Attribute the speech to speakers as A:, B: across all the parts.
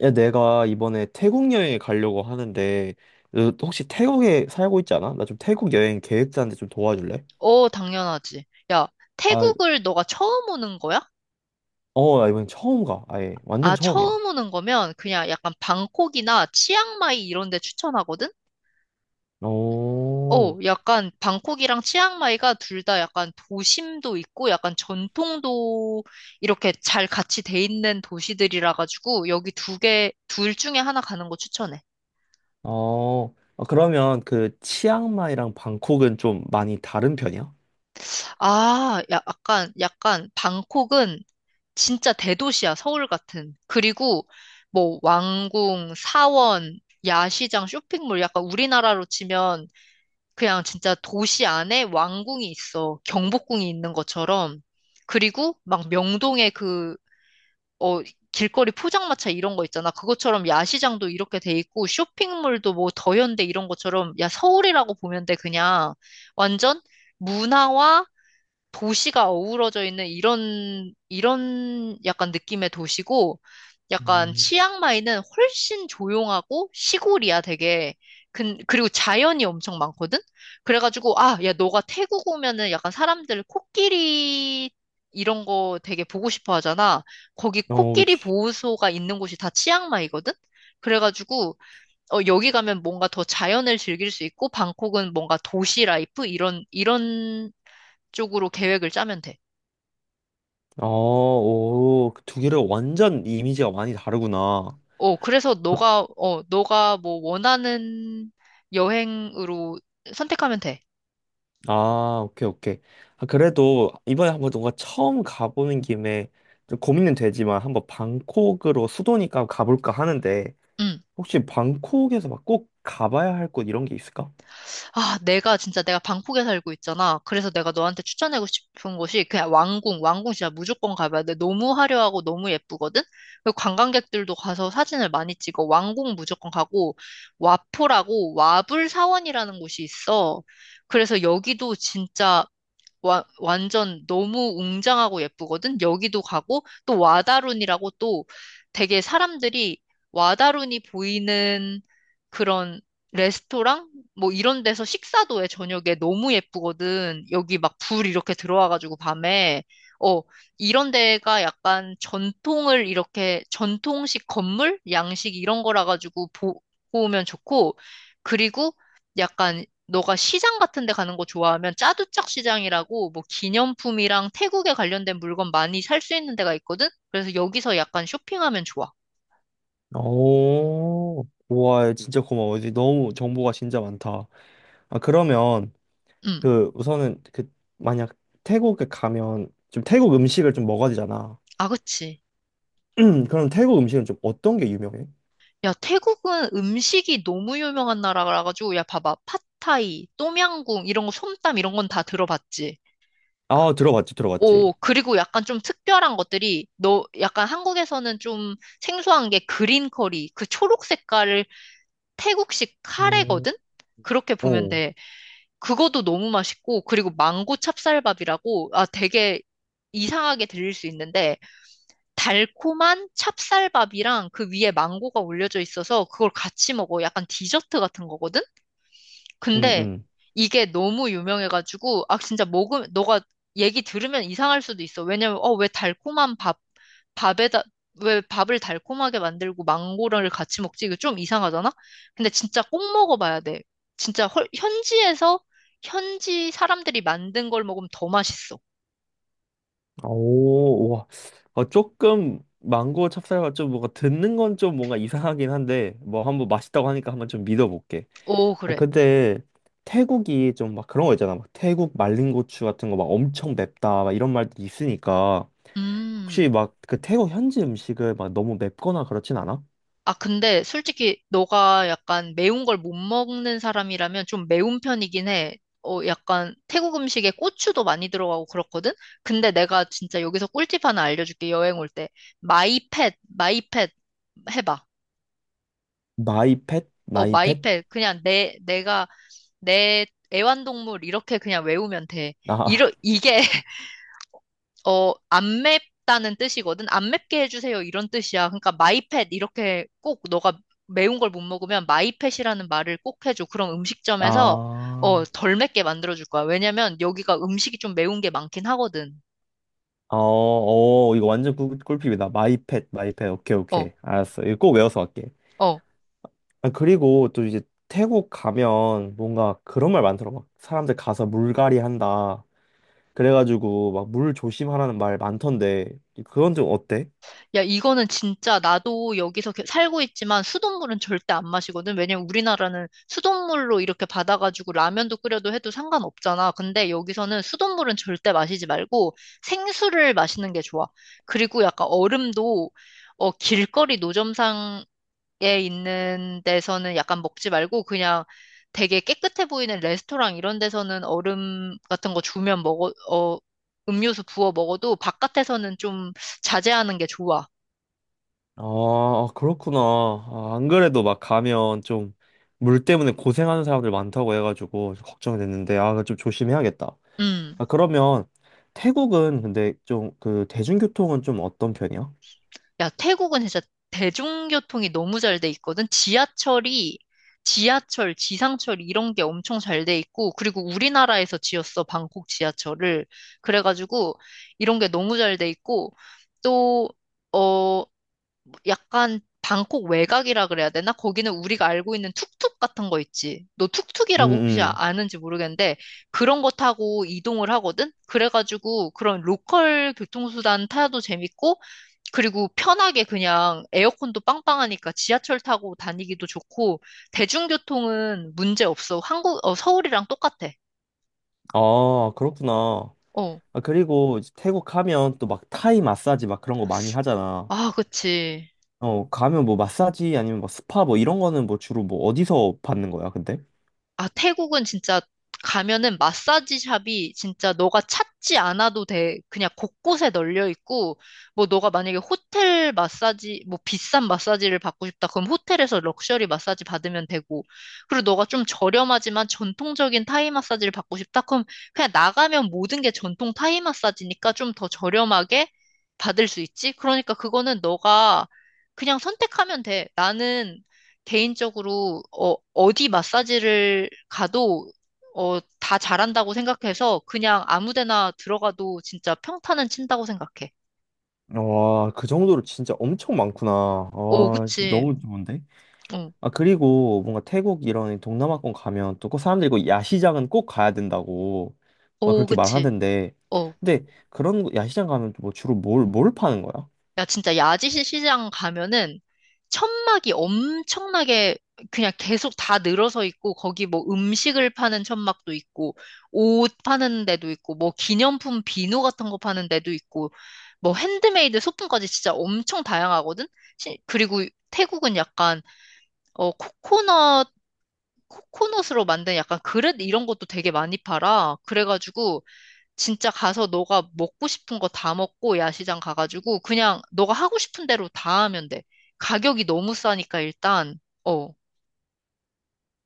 A: 야, 내가 이번에 태국 여행에 가려고 하는데, 너 혹시 태국에 살고 있지 않아? 나 좀 태국 여행 계획 짜는데 좀 도와줄래?
B: 당연하지. 야,
A: 아,
B: 태국을 너가 처음 오는 거야?
A: 나 이번엔 처음 가. 아예,
B: 아,
A: 완전 처음이야.
B: 처음 오는 거면 그냥 약간 방콕이나 치앙마이 이런 데 추천하거든?
A: 오,
B: 약간 방콕이랑 치앙마이가 둘 다 약간 도심도 있고 약간 전통도 이렇게 잘 같이 돼 있는 도시들이라 가지고 여기 두 개, 둘 중에 하나 가는 거 추천해.
A: 어, 아, 그러면 그 치앙마이랑 방콕은 좀 많이 다른 편이야?
B: 아, 야, 약간 방콕은 진짜 대도시야, 서울 같은. 그리고 뭐 왕궁, 사원, 야시장, 쇼핑몰 약간 우리나라로 치면 그냥 진짜 도시 안에 왕궁이 있어. 경복궁이 있는 것처럼. 그리고 막 명동에 어, 길거리 포장마차 이런 거 있잖아. 그것처럼 야시장도 이렇게 돼 있고 쇼핑몰도 뭐 더현대 이런 것처럼 야, 서울이라고 보면 돼. 그냥 완전 문화와 도시가 어우러져 있는 이런 약간 느낌의 도시고, 약간
A: 음.
B: 치앙마이는 훨씬 조용하고 시골이야, 되게. 그리고 자연이 엄청 많거든? 그래가지고, 아, 야, 너가 태국 오면은 약간 사람들 코끼리 이런 거 되게 보고 싶어 하잖아. 거기
A: 어,
B: 코끼리
A: 그치.
B: 보호소가 있는 곳이 다 치앙마이거든? 그래가지고, 여기 가면 뭔가 더 자연을 즐길 수 있고, 방콕은 뭔가 도시 라이프? 이런 쪽으로 계획을 짜면 돼.
A: 어, 오, 그두 개를 완전 이미지가 많이 다르구나.
B: 어, 그래서 너가 뭐 원하는 여행으로 선택하면 돼.
A: 아, 오케이, 오케이. 아, 그래도 이번에 한번 뭔가 처음 가보는 김에 좀 고민은 되지만 한번 방콕으로 수도니까 가볼까 하는데
B: 응.
A: 혹시 방콕에서 막 꼭 가봐야 할 곳 이런 게 있을까?
B: 아, 내가 진짜 내가 방콕에 살고 있잖아. 그래서 내가 너한테 추천하고 싶은 곳이 그냥 왕궁. 왕궁 진짜 무조건 가봐야 돼. 너무 화려하고 너무 예쁘거든? 그리고 관광객들도 가서 사진을 많이 찍어. 왕궁 무조건 가고, 와포라고 와불사원이라는 곳이 있어. 그래서 여기도 진짜 완전 너무 웅장하고 예쁘거든? 여기도 가고, 또 와다룬이라고 또 되게 사람들이 와다룬이 보이는 그런 레스토랑? 뭐 이런 데서 식사도 해, 저녁에. 너무 예쁘거든. 여기 막 불 이렇게 들어와가지고 밤에. 어, 이런 데가 약간 전통을 전통식 건물? 양식 이런 거라 가지고 보고 오면 좋고, 그리고 약간 너가 시장 같은 데 가는 거 좋아하면 짜두짝 시장이라고 뭐 기념품이랑 태국에 관련된 물건 많이 살 수 있는 데가 있거든? 그래서 여기서 약간 쇼핑하면 좋아.
A: 오, 우와, 진짜 고마워. 이제 너무 정보가 진짜 많다. 아, 그러면
B: 음.
A: 그 우선은 그 만약 태국에 가면 좀 태국 음식을 좀 먹어야 되잖아.
B: 아, 그치.
A: 그럼 태국 음식은 좀 어떤 게 유명해?
B: 야, 태국은 음식이 너무 유명한 나라라 가지고 야, 봐봐. 팟타이, 똠양궁 이런 거 솜땀 이런 건 다 들어봤지.
A: 아, 들어봤지, 들어봤지.
B: 오, 그리고 약간 좀 특별한 것들이 너 약간 한국에서는 좀 생소한 게 그린 커리, 그 초록 색깔을 태국식
A: 음,
B: 카레거든? 그렇게 보면
A: 오
B: 돼. 그것도 너무 맛있고, 그리고 망고 찹쌀밥이라고, 아, 되게 이상하게 들릴 수 있는데, 달콤한 찹쌀밥이랑 그 위에 망고가 올려져 있어서 그걸 같이 먹어. 약간 디저트 같은 거거든?
A: 응,
B: 근데
A: 응.
B: 이게 너무 유명해가지고, 아, 진짜 먹으면, 너가 얘기 들으면 이상할 수도 있어. 왜냐면, 왜 달콤한 밥에다, 왜 밥을 달콤하게 만들고 망고를 같이 먹지? 이거 좀 이상하잖아? 근데 진짜 꼭 먹어봐야 돼. 진짜 현지에서, 현지 사람들이 만든 걸 먹으면 더 맛있어.
A: 아, 오, 와. 어, 조금 망고 찹쌀과 좀 뭔가 듣는 건 좀 뭔가 이상하긴 한데 뭐 한번 맛있다고 하니까 한번 좀 믿어볼게.
B: 오,
A: 아,
B: 그래.
A: 근데 태국이 좀 막 그런 거 있잖아. 막 태국 말린 고추 같은 거 막 엄청 맵다 막 이런 말들이 있으니까 혹시
B: 음.
A: 막 그 태국 현지 음식을 막 너무 맵거나 그렇진 않아?
B: 아, 근데 솔직히 너가 약간 매운 걸 못 먹는 사람이라면 좀 매운 편이긴 해. 약간 태국 음식에 고추도 많이 들어가고 그렇거든? 근데 내가 진짜 여기서 꿀팁 하나 알려줄게, 여행 올 때. 마이펫, 마이펫 해봐.
A: 마이펫?
B: 어,
A: 마이펫?
B: 마이펫. 그냥 내 애완동물 이렇게 그냥 외우면 돼.
A: 아,
B: 이게 어, 안 맵다는 뜻이거든. 안 맵게 해주세요. 이런 뜻이야. 그러니까 마이펫 이렇게 꼭 너가 매운 걸 못 먹으면 마이펫이라는 말을 꼭 해줘. 그럼 음식점에서
A: 아,
B: 덜 맵게 만들어줄 거야. 왜냐면 여기가 음식이 좀 매운 게 많긴 하거든.
A: 어, 어, 이거 완전 꿀팁이다. 마이펫, 마이펫. 오케이, 오케이.
B: 어,
A: 알았어. 이거 꼭 외워서 갈게.
B: 어.
A: 아, 그리고 또 이제 태국 가면 뭔가 그런 말 많더라. 막 사람들 가서 물갈이 한다. 그래가지고 막 물 조심하라는 말 많던데 그건 좀 어때?
B: 야, 이거는 진짜 나도 여기서 살고 있지만 수돗물은 절대 안 마시거든. 왜냐면 우리나라는 수돗물로 이렇게 받아가지고 라면도 끓여도 해도 상관없잖아. 근데 여기서는 수돗물은 절대 마시지 말고 생수를 마시는 게 좋아. 그리고 약간 얼음도 어, 길거리 노점상에 있는 데서는 약간 먹지 말고 그냥 되게 깨끗해 보이는 레스토랑 이런 데서는 얼음 같은 거 주면 먹어, 어, 음료수 부어 먹어도 바깥에서는 좀 자제하는 게 좋아.
A: 아, 아, 그렇구나. 아, 안 그래도 막 가면 좀 물 때문에 고생하는 사람들 많다고 해가지고 좀 걱정이 됐는데 아, 그거 좀 조심해야겠다.
B: 음.
A: 아, 그러면 태국은 근데 좀 그 대중교통은 좀 어떤 편이야?
B: 야, 태국은 진짜 대중교통이 너무 잘 돼 있거든. 지하철, 지상철 이런 게 엄청 잘 돼 있고, 그리고 우리나라에서 지었어, 방콕 지하철을. 그래가지고, 이런 게 너무 잘 돼 있고, 또, 어, 약간 방콕 외곽이라 그래야 되나? 거기는 우리가 알고 있는 툭툭 같은 거 있지. 너
A: 음,
B: 툭툭이라고 혹시
A: 음.
B: 아는지 모르겠는데 그런 거 타고 이동을 하거든? 그래가지고 그런 로컬 교통수단 타도 재밌고 그리고 편하게 그냥 에어컨도 빵빵하니까 지하철 타고 다니기도 좋고 대중교통은 문제 없어. 서울이랑 똑같아.
A: 아, 그렇구나.
B: 어.
A: 아, 그리고 이제 태국 가면 또 막 타이 마사지 막 그런 거 많이 하잖아.
B: 아, 그치.
A: 어, 가면 뭐 마사지 아니면 막 스파 뭐 이런 거는 뭐 주로 뭐 어디서 받는 거야, 근데?
B: 아, 태국은 진짜 가면은 마사지 샵이 진짜 너가 찾지 않아도 돼. 그냥 곳곳에 널려 있고, 뭐 너가 만약에 호텔 마사지, 뭐 비싼 마사지를 받고 싶다. 그럼 호텔에서 럭셔리 마사지 받으면 되고, 그리고 너가 좀 저렴하지만 전통적인 타이 마사지를 받고 싶다. 그럼 그냥 나가면 모든 게 전통 타이 마사지니까 좀 더 저렴하게 받을 수 있지? 그러니까 그거는 너가 그냥 선택하면 돼. 나는 개인적으로 어디 마사지를 가도 다 잘한다고 생각해서 그냥 아무 데나 들어가도 진짜 평타는 친다고 생각해.
A: 와, 그 정도로 진짜 엄청 많구나.
B: 오,
A: 와, 씨,
B: 그치.
A: 너무 좋은데?
B: 어,
A: 아, 그리고 뭔가 태국 이런 동남아권 가면 또 꼭 사람들이 그 야시장은 꼭 가야 된다고 막
B: 오,
A: 그렇게
B: 그치.
A: 말하던데.
B: 어.
A: 근데 그런 야시장 가면 뭐 주로 뭘 파는 거야?
B: 야, 진짜 야지시 시장 가면은 천막이 엄청나게 그냥 계속 다 늘어서 있고, 거기 뭐 음식을 파는 천막도 있고, 옷 파는 데도 있고, 뭐 기념품 비누 같은 거 파는 데도 있고, 뭐 핸드메이드 소품까지 진짜 엄청 다양하거든? 그리고 태국은 어, 코코넛, 코코넛으로 만든 약간 그릇 이런 것도 되게 많이 팔아. 그래가지고, 진짜 가서 너가 먹고 싶은 거 다 먹고 야시장 가가지고 그냥 너가 하고 싶은 대로 다 하면 돼. 가격이 너무 싸니까 일단 어,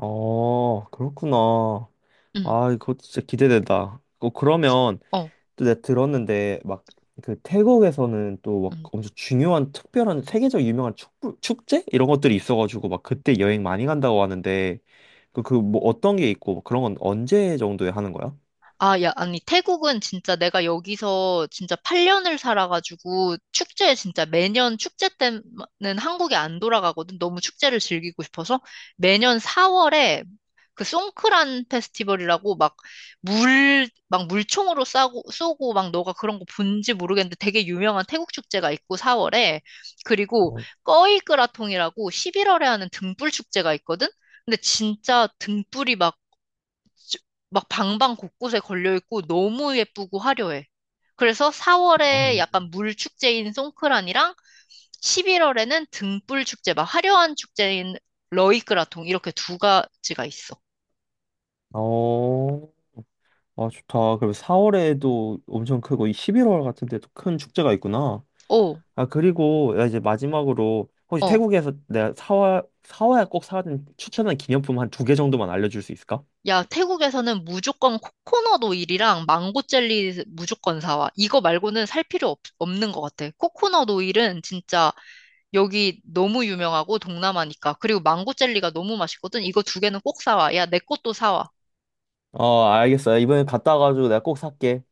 A: 어, 그렇구나.
B: 응,
A: 아, 그거 진짜 기대된다. 어, 그러면
B: 어,
A: 또 내가 들었는데 막 그 태국에서는 또 막
B: 응.
A: 엄청 중요한 특별한 세계적 유명한 축제 이런 것들이 있어가지고 막 그때 여행 많이 간다고 하는데 뭐 어떤 게 있고 뭐 그런 건 언제 정도에 하는 거야?
B: 아, 야, 아니 태국은 진짜 내가 여기서 진짜 8년을 살아가지고 축제 진짜 매년 축제 때는 한국에 안 돌아가거든. 너무 축제를 즐기고 싶어서 매년 4월에 그 송크란 페스티벌이라고 막 물총으로 쏘고 막 너가 그런 거 본지 모르겠는데 되게 유명한 태국 축제가 있고 4월에 그리고
A: 어,
B: 꺼이끄라통이라고 11월에 하는 등불 축제가 있거든? 근데 진짜 등불이 막, 쭈- 막 방방 곳곳에 걸려 있고 너무 예쁘고 화려해. 그래서
A: 어,
B: 4월에 약간 물 축제인 송크란이랑 11월에는 등불 축제, 막 화려한 축제인 러이끄라통 이렇게 두 가지가 있어.
A: 어, 아, 좋다. 그럼 4월에도 엄청 크고, 이 11월 같은 데도 큰 축제가 있구나.
B: 오.
A: 아, 그리고 나 이제 마지막으로, 혹시
B: 어.
A: 태국에서 내가 사와야 꼭 사야 되는 추천한 기념품 한 두 개 정도만 알려줄 수 있을까?
B: 야, 태국에서는 무조건 코코넛 오일이랑 망고 젤리 무조건 사와. 이거 말고는 살 필요 없는 것 같아. 코코넛 오일은 진짜 여기 너무 유명하고 동남아니까. 그리고 망고 젤리가 너무 맛있거든. 이거 두 개는 꼭 사와. 야, 내 것도 사와.
A: 어, 알겠어. 야, 이번에 갔다 와가지고 내가 꼭 살게.